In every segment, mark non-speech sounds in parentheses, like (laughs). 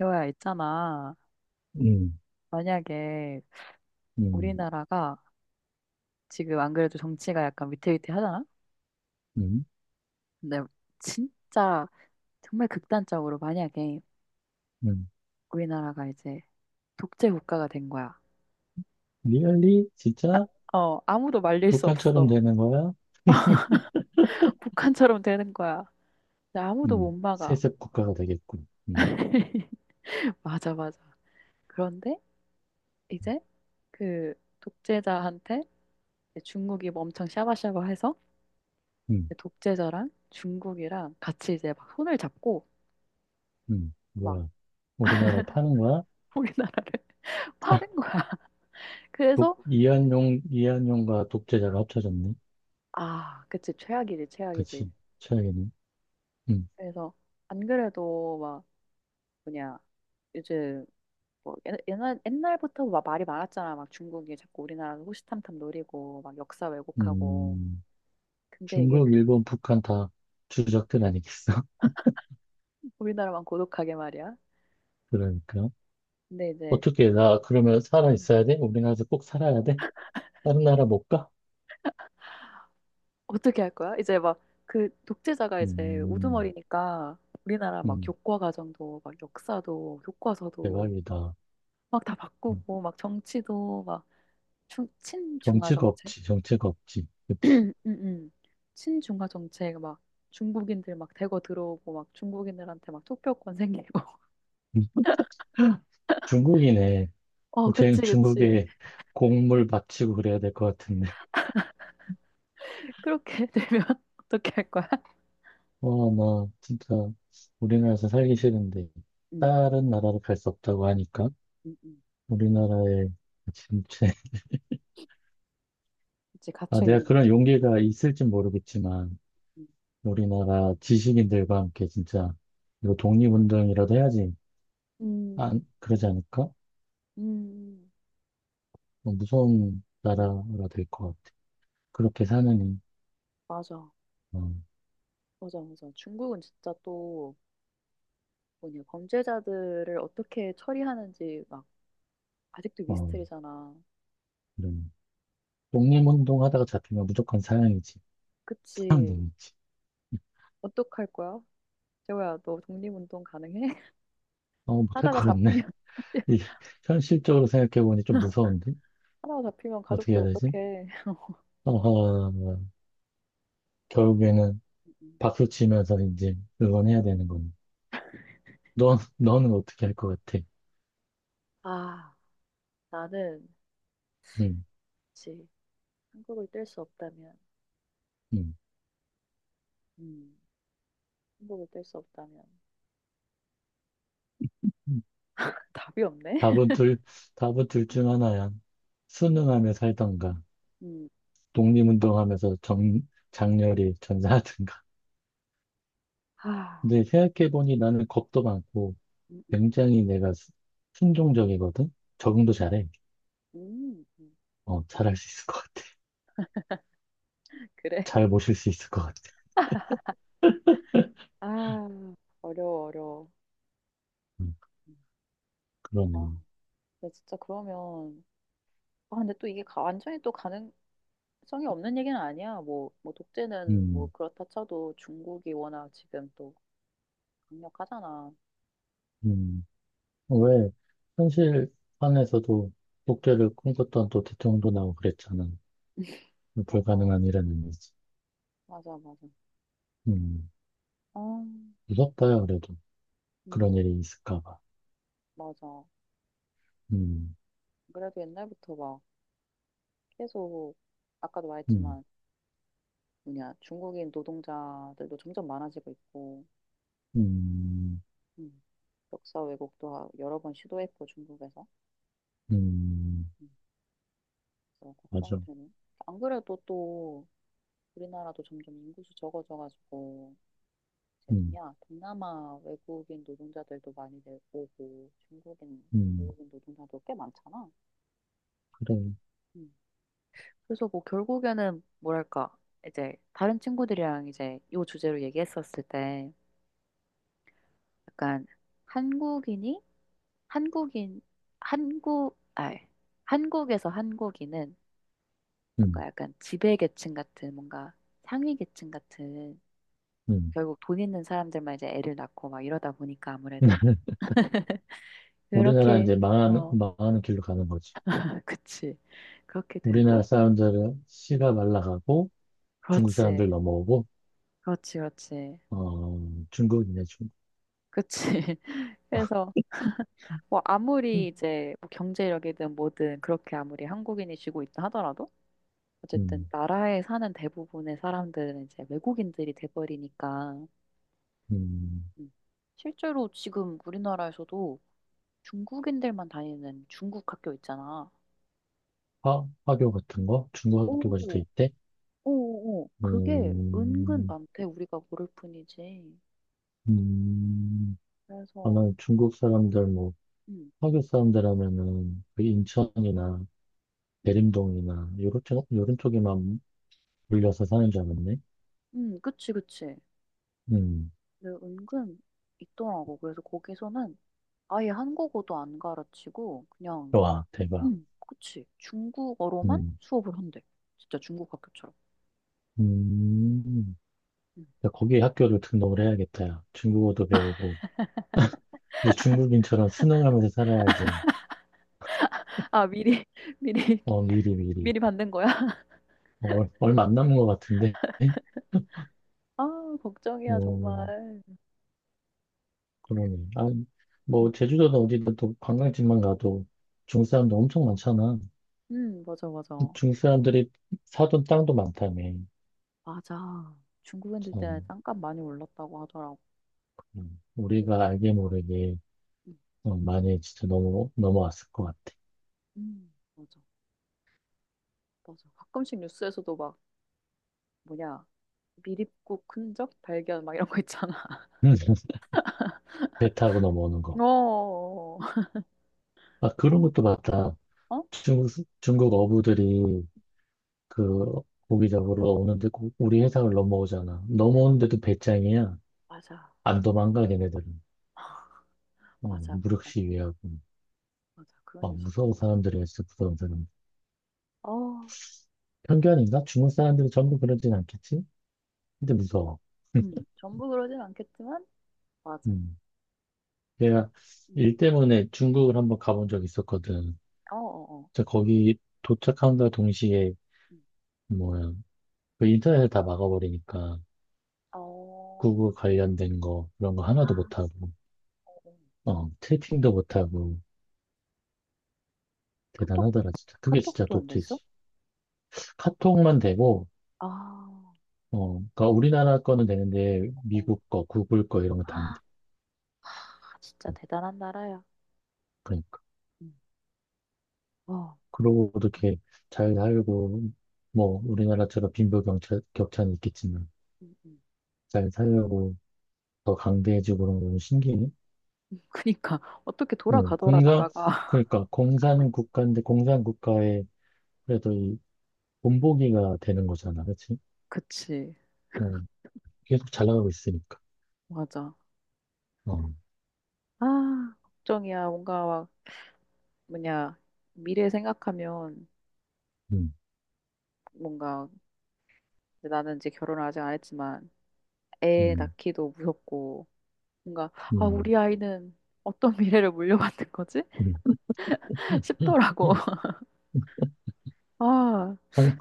여야 있잖아. 음. 만약에 음. 우리나라가 지금 안 그래도 정치가 약간 위태위태하잖아? 음. 근데 진짜 정말 극단적으로 만약에 음. 우리나라가 이제 독재 국가가 된 거야. 리얼리 진짜 어, 아무도 말릴 수 북한처럼 없어. 되는 거야? (laughs) 북한처럼 되는 거야. 근데 아무도 못 음. 막아. 세습 국가가 되겠군. 음. (laughs) 맞아, 맞아. 그런데 이제 그 독재자한테 이제 중국이 뭐 엄청 샤바샤바해서 음. 독재자랑 중국이랑 같이 이제 막 손을 잡고 음. 막 뭐야? 우리나라 파는 거야? (laughs) 우리나라를 파는 (laughs) 거야. (laughs) 그래서 이한용, 이한용과 독재자가 합쳐졌네. 아, 그치 최악이지 최악이지. 그치. 최악이네. 음. 그래서 안 그래도 막 뭐냐 요즘 뭐 옛날 옛날부터 막 말이 많았잖아. 막 중국이 자꾸 우리나라를 호시탐탐 노리고 막 역사 왜곡하고. 음. 근데 이게 중국, 그- 일본, 북한 다 음, 주적들 아니겠어? (laughs) 우리나라만 고독하게 말이야. 그러니까. 근데 이제 어떻게, 나 그러면 살아 음. 있어야 돼? 우리나라에서 꼭 살아야 돼? 다른 나라 못 가? 어떻게 할 거야? 이제 막 그 독재자가 이제 음. 우두머리니까 우리나라 막 음. 교과 과정도 막 역사도 교과서도 대박이다. 막 다 음. 바꾸고 막 정치도 막 중, 친중화 정체가 정책? 없지, 정체가 없지. (clears throat) 그치. 음, 음. 친중화 정책 막 중국인들 막 대거 들어오고 막 중국인들한테 막 투표권 생기고. (laughs) 음. 중국이네. 어, 쟤는 그치, 그치. 중국에 공물 바치고 그래야 될 것 같은데. 그렇게 (laughs) 되면 (laughs) 어떻게 할 거야? 어, 나 진짜 우리나라에서 살기 싫은데. 음, 다른 나라로 갈 수 없다고 하니까. 음, 음. 우리나라에 진짜. (laughs) 그치, 아, 갇혀 내가 있는 그런 거지. 용기가 있을진 모르겠지만, 음, 우리나라 지식인들과 함께 진짜 이거 독립운동이라도 해야지. 음, 안, 그러지 않을까? 어, 음, 무서운 음. 나라가 될 것 같아. 그렇게 사느니, 맞아, 어, 맞아, 맞아. 중국은 진짜 또 뭐냐 범죄자들을 어떻게 처리하는지 막 아직도 어, 미스터리잖아. 그런 독립운동 하다가 잡히면 무조건 사형이지. 그치, 사형동이지. 어떡할 거야? 재호야, 너 독립운동 가능해? 어, 못할 하다가 것 같네. 잡히면 (laughs) (laughs) 이, 현실적으로 생각해보니 좀 무서운데? 하다가 잡히면 어떻게 가족들 해야 되지? 어떡해. 어, 결국에는 음, 박수 치면서 이제 응원해야 되는 거네. 너는 어떻게 할 것 같아? 아, 나는 응. 그치. 한국을 뗄 수 없다면 응. 음, 한국을 뗄 수 없다면 응. (laughs) 답이 없네. 답은 둘, 답은 둘 중 하나야. 수능하며 살던가, 음, 독립운동하면서 정, 장렬히 전사하든가. (laughs) 아, 근데 생각해보니 나는 겁도 많고, 음, 음, 굉장히 내가 순종적이거든? 음, 적응도 잘해. 음, 음, 어, 잘할 수 있을 것 같아. 그래. 잘 모실 수 있을 것 같아. 아, 어려워, 어려워. 음. 음. 아, 그러네. 근데 진짜 그러면 아, 근데 또 이게 가- 완전히 또 가능성이 없는 얘기는 아니야. 뭐 독재는 뭐 음. 그렇다 쳐도 중국이 워낙 지금 또 강력하잖아. 음. 어, 음. 왜, 현실판에서도 음. 독재를 꿈꿨던 또 대통령도 나오고 그랬잖아. 맞아, 맞아. 불가능한 일은 아니지. 맞아, 맞아. 음, 어, 무섭다야, 그래도. 그런 음, 일이 있을까 봐. 맞아. 음. 그래도 옛날부터 막 계속, 아까도 음. 말했지만, 뭐냐, 중국인 노동자들도 점점 많아지고 있고, 음. 음, 역사 왜곡도 하- 여러 번 시도했고, 중국에서. 음. 음, 그래서 걱정이 맞아. 되네. 안 그래도 또, 우리나라도 점점 인구수 적어져가지고, 이제 음. 뭐냐, 동남아 외국인 노동자들도 많이 내- 오고, 중국인 음. 외국인 노동자도 꽤 많잖아. 그래. 음, 그래서 뭐 결국에는 뭐랄까 이제 다른 친구들이랑 이제 요 주제로 얘기했었을 때 약간 한국인이 한국인 한국 아 한국에서 한국인은 음. 뭔가 약간 지배계층 같은 뭔가 상위계층 같은 음. 결국 돈 있는 사람들만 이제 애를 낳고 막 이러다 보니까 아무래도 (laughs) 우리나라 이렇게 이제 어 망하는 길로 가는 거지. (laughs) 그치 그렇게 우리나라 되고 사람들은 음, 씨가 말라가고 중국 사람들 그렇지 넘어오고 그렇지 그렇지 어, 중국이네 중국. 그치 (laughs) 그래서 뭐 아무리 이제 뭐 경제력이든 뭐든 그렇게 아무리 한국인이 쥐고 있다 하더라도 어쨌든 음. 나라에 사는 대부분의 사람들은 이제 외국인들이 돼버리니까 음. 음. 실제로 지금 우리나라에서도 중국인들만 다니는 중국 학교 있잖아. 화, 화교 같은 거? 중국 오, 학교까지 돼 있대? 오, 오, 그게 은근 음. 많대. 우리가 모를 뿐이지. 음. 그래서 아마 중국 사람들, 뭐, 음, 화교 사람들 하면은, 그 음, 인천이나 음, 대림동이나, 요런, 요런 쪽에만 몰려서 사는 줄 알았네. 그치, 그치. 음. 근데 은근 있더라고. 그래서 거기서는 아예 한국어도 안 가르치고 그냥 와, 대박. 응, 그치. 중국어로만 음. 수업을 한대. 진짜 중국 학교처럼. 음. 음. 야, 거기 학교를 등록을 해야겠다, 야. 중국어도 배우고, 이제 중국인처럼 순응하면서 살아야지. 아, 미리, (laughs) 미리, 어, 미리, 미리. 미리 받는 거야? (laughs) 어, 얼마 안 남은 것 같은데? 아, 걱정이야, 어, 정말. 그러네. 아, 뭐, 응, 제주도는 어디든 또 관광지만 가도 중국 사람들 엄청 많잖아. 응, 맞아, 맞아. 중국 사람들이 사둔 땅도 많다며. 맞아. 중국 애들 때문에 참, 땅값 많이 올랐다고 하더라고. 그래서, 우리가 알게 모르게 응, 어, 많이 진짜 넘어왔을 것 같아. 응, 맞아, 맞아. 가끔씩 뉴스에서도 막, 뭐냐, 미립국 흔적 발견 막 이런 거 있잖아. (laughs) 배 타고 넘어오는 (laughs) 거. 어, 어? 아, 그런 것도 봤다. 어? 중국, 중국 어부들이 그 고기 잡으러 오는데 우리 해상을 넘어오잖아. 넘어오는데도 배짱이야. 맞아, 안 도망가 걔네들은. 어, 맞아, 무력 맞아, 시위하고. 맞아. 그런 어, 뉴스. 무서워 사람들이 했어 무서운 사람. 어, 편견인가? 중국 사람들이 전부 그러진 않겠지? 근데 무서워. 전부 그러진 않겠지만, 맞아. 음. 내가 음. 일 때문에 중국을 한번 가본 적 있었거든. 어, 어, 어. 진짜 거기 도착함과 동시에 음. 뭐야 그 인터넷을 다 막아버리니까 어, 구글 관련된 거 그런 거 하나도 아, 못하고 어, 어. 어 채팅도 못하고 카톡, 대단하더라 진짜. 그게 진짜 카톡도 안 됐어? 독재지. 카톡만 되고, 아, 어, 그러니까 우리나라 거는 되는데, 어. 미국 거, 구글 거 이런 거 다 안 아, 돼. 진짜 대단한 나라야. 그러니까. 음. 와, 그- 그러고 이렇게 잘 살고, 뭐, 우리나라처럼 격차는 있겠지만, 음. 잘 살려고 더 강대해지고 그런 건 신기해. (laughs) 그니까, 어떻게 응, 돌아가더라, 공산, 나라가. (laughs) 그러니까, 공산 국가인데, 공산 국가에 그래도 이 본보기가 되는 거잖아. 그치? 그치, 어, 계속 잘 나가고 있으니까. 맞아. 어, 아, 걱정이야. 뭔가 막, 뭐냐, 미래 생각하면 음. 뭔가, 나는 이제 결혼을 아직 안 했지만, 애 음. 낳기도 무섭고, 뭔가, 아, 음. 우리 아이는 어떤 (laughs) 미래를 물려받는 거지? 음. 음. 싶더라고. 음. (laughs) 아, 한,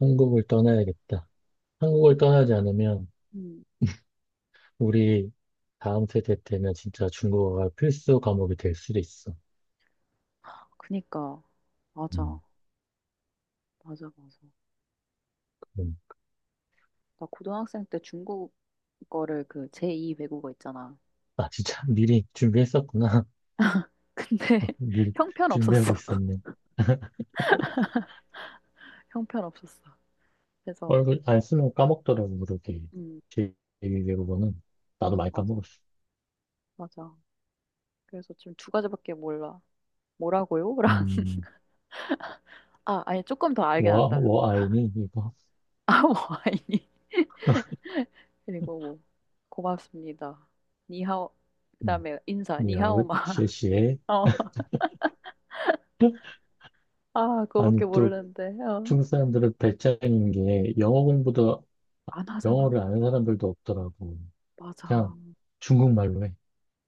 한국을 떠나야겠다. 한국을 그- 떠나지 않으면 음, 우리 다음 세대 때는 진짜 중국어가 필수 과목이 될 수도 있어. 그니까. 맞아. 음, 맞아, 맞아. 그럼. 나 고등학생 때 중국 거를 그 제2 외국어 있잖아. 아, 진짜 (laughs) 미리 준비했었구나. 근데 (laughs) (laughs) 미리 준비하고 형편없었어. (laughs) 있었네. 형편없었어. 그래서, 얼굴 안 쓰면 까먹더라고, 그렇게. 음, 제2외국어는. 나도 많이 맞아. 까먹었어. 맞아. 그래서 지금 두 가지밖에 몰라. 뭐라고요? (laughs) 랑. 음, 아, 아니, 조금 더 알게 와, 난다. (laughs) 와 아이니, 이거. 아, 뭐, 아니. (laughs) 그리고 뭐, 고맙습니다. 니하오. 음, 그다음에 인사, 야오, 니하오마. (laughs) 실시에. 어, 아, 아니, 그거밖에 또 모르는데. 어. 중국 사람들은 배짱인 게 영어 공부도, 안 하잖아. 영어를 아는 사람들도 없더라고. 그냥 맞아. 중국말로 해.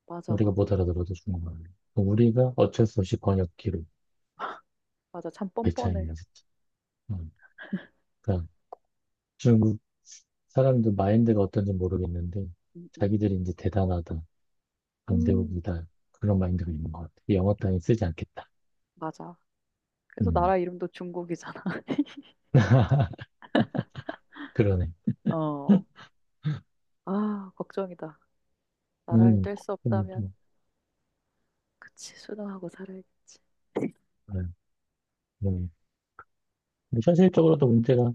맞아, 우리가 맞아. 못 알아들어도 중국말로. 우리가 어쩔 수 없이 번역기로 맞아. 참 뻔뻔해. 배짱이야, 진짜. 어, 그러니까 중국 사람들 마인드가 어떤지 모르겠는데 음, 음. 자기들이 이제 대단하다, 음, 강대국이다 그런 마인드가 있는 것 같아. 영어 따위 쓰지 않겠다. 맞아. 그래서 음, 나라 이름도 중국이잖아. (laughs) 그러네. 어. 아, 걱정이다. 나라를 뗄 수 그건 없다면, 또, 그치, 수능하고 살아야겠지. 아, 음. 근데 현실적으로도 문제가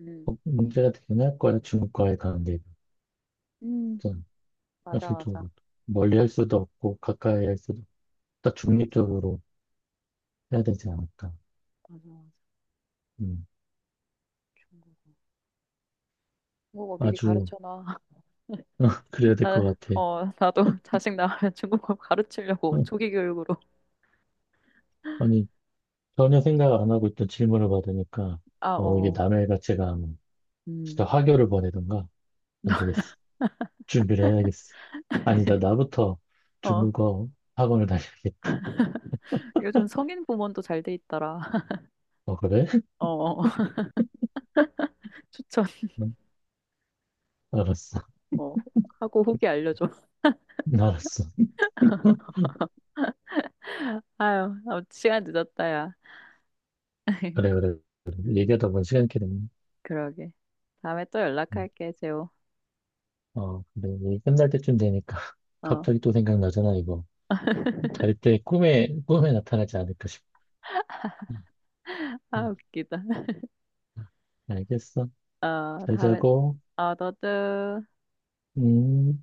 음. 어, 문제가 되긴 할 거야 중국과의 관계가. 음, 좀 맞아, 맞아. 현실적으로 멀리 할 수도 없고 가까이 할 수도 없다 맞아, 중립적으로 해야 되지 않을까. 맞아, 맞아. 음, 중국어. 중국어 미리 아주 가르쳐놔. (laughs) (laughs) 어, 그래야 될 아, 것 같아. 어, 나도 (laughs) 자식 낳으면 중국어 가르치려고 어, 조기 교육으로. 아니, 전혀 생각 안 하고 있던 질문을 받으니까, 아, 어. 어, 이게 어. 남의 가치가 뭐 진짜 음. 화교를 보내던가, 안 되겠어. 준비를 해야겠어. 아니다, (laughs) 나부터 어, 중국어 학원을 다녀야겠다. 요즘 성인 부모도 잘 돼 있더라. (laughs) 어, 그래? 어. 추천 (laughs) 응, 알았어. (laughs) 어, 하고 후기 알려줘. (laughs) 알았어. 아유, 아, 시간 늦었다, 야. (laughs) 그래, 그래. 그래. 음, 얘기하다 보니 시간이 이렇게 됐네. 그러게. 다음에 또 응. 연락할게, 재호. 어, 근데 이 끝날 때쯤 되니까 (laughs) 어, 갑자기 또 생각나잖아, 이거. 잘 (laughs) 때 꿈에 나타나지 않을까 싶어. 응. 아, 응. 웃기다. 응. 알겠어. 어, 잘 다음에, 자고, 어, 너도. 음.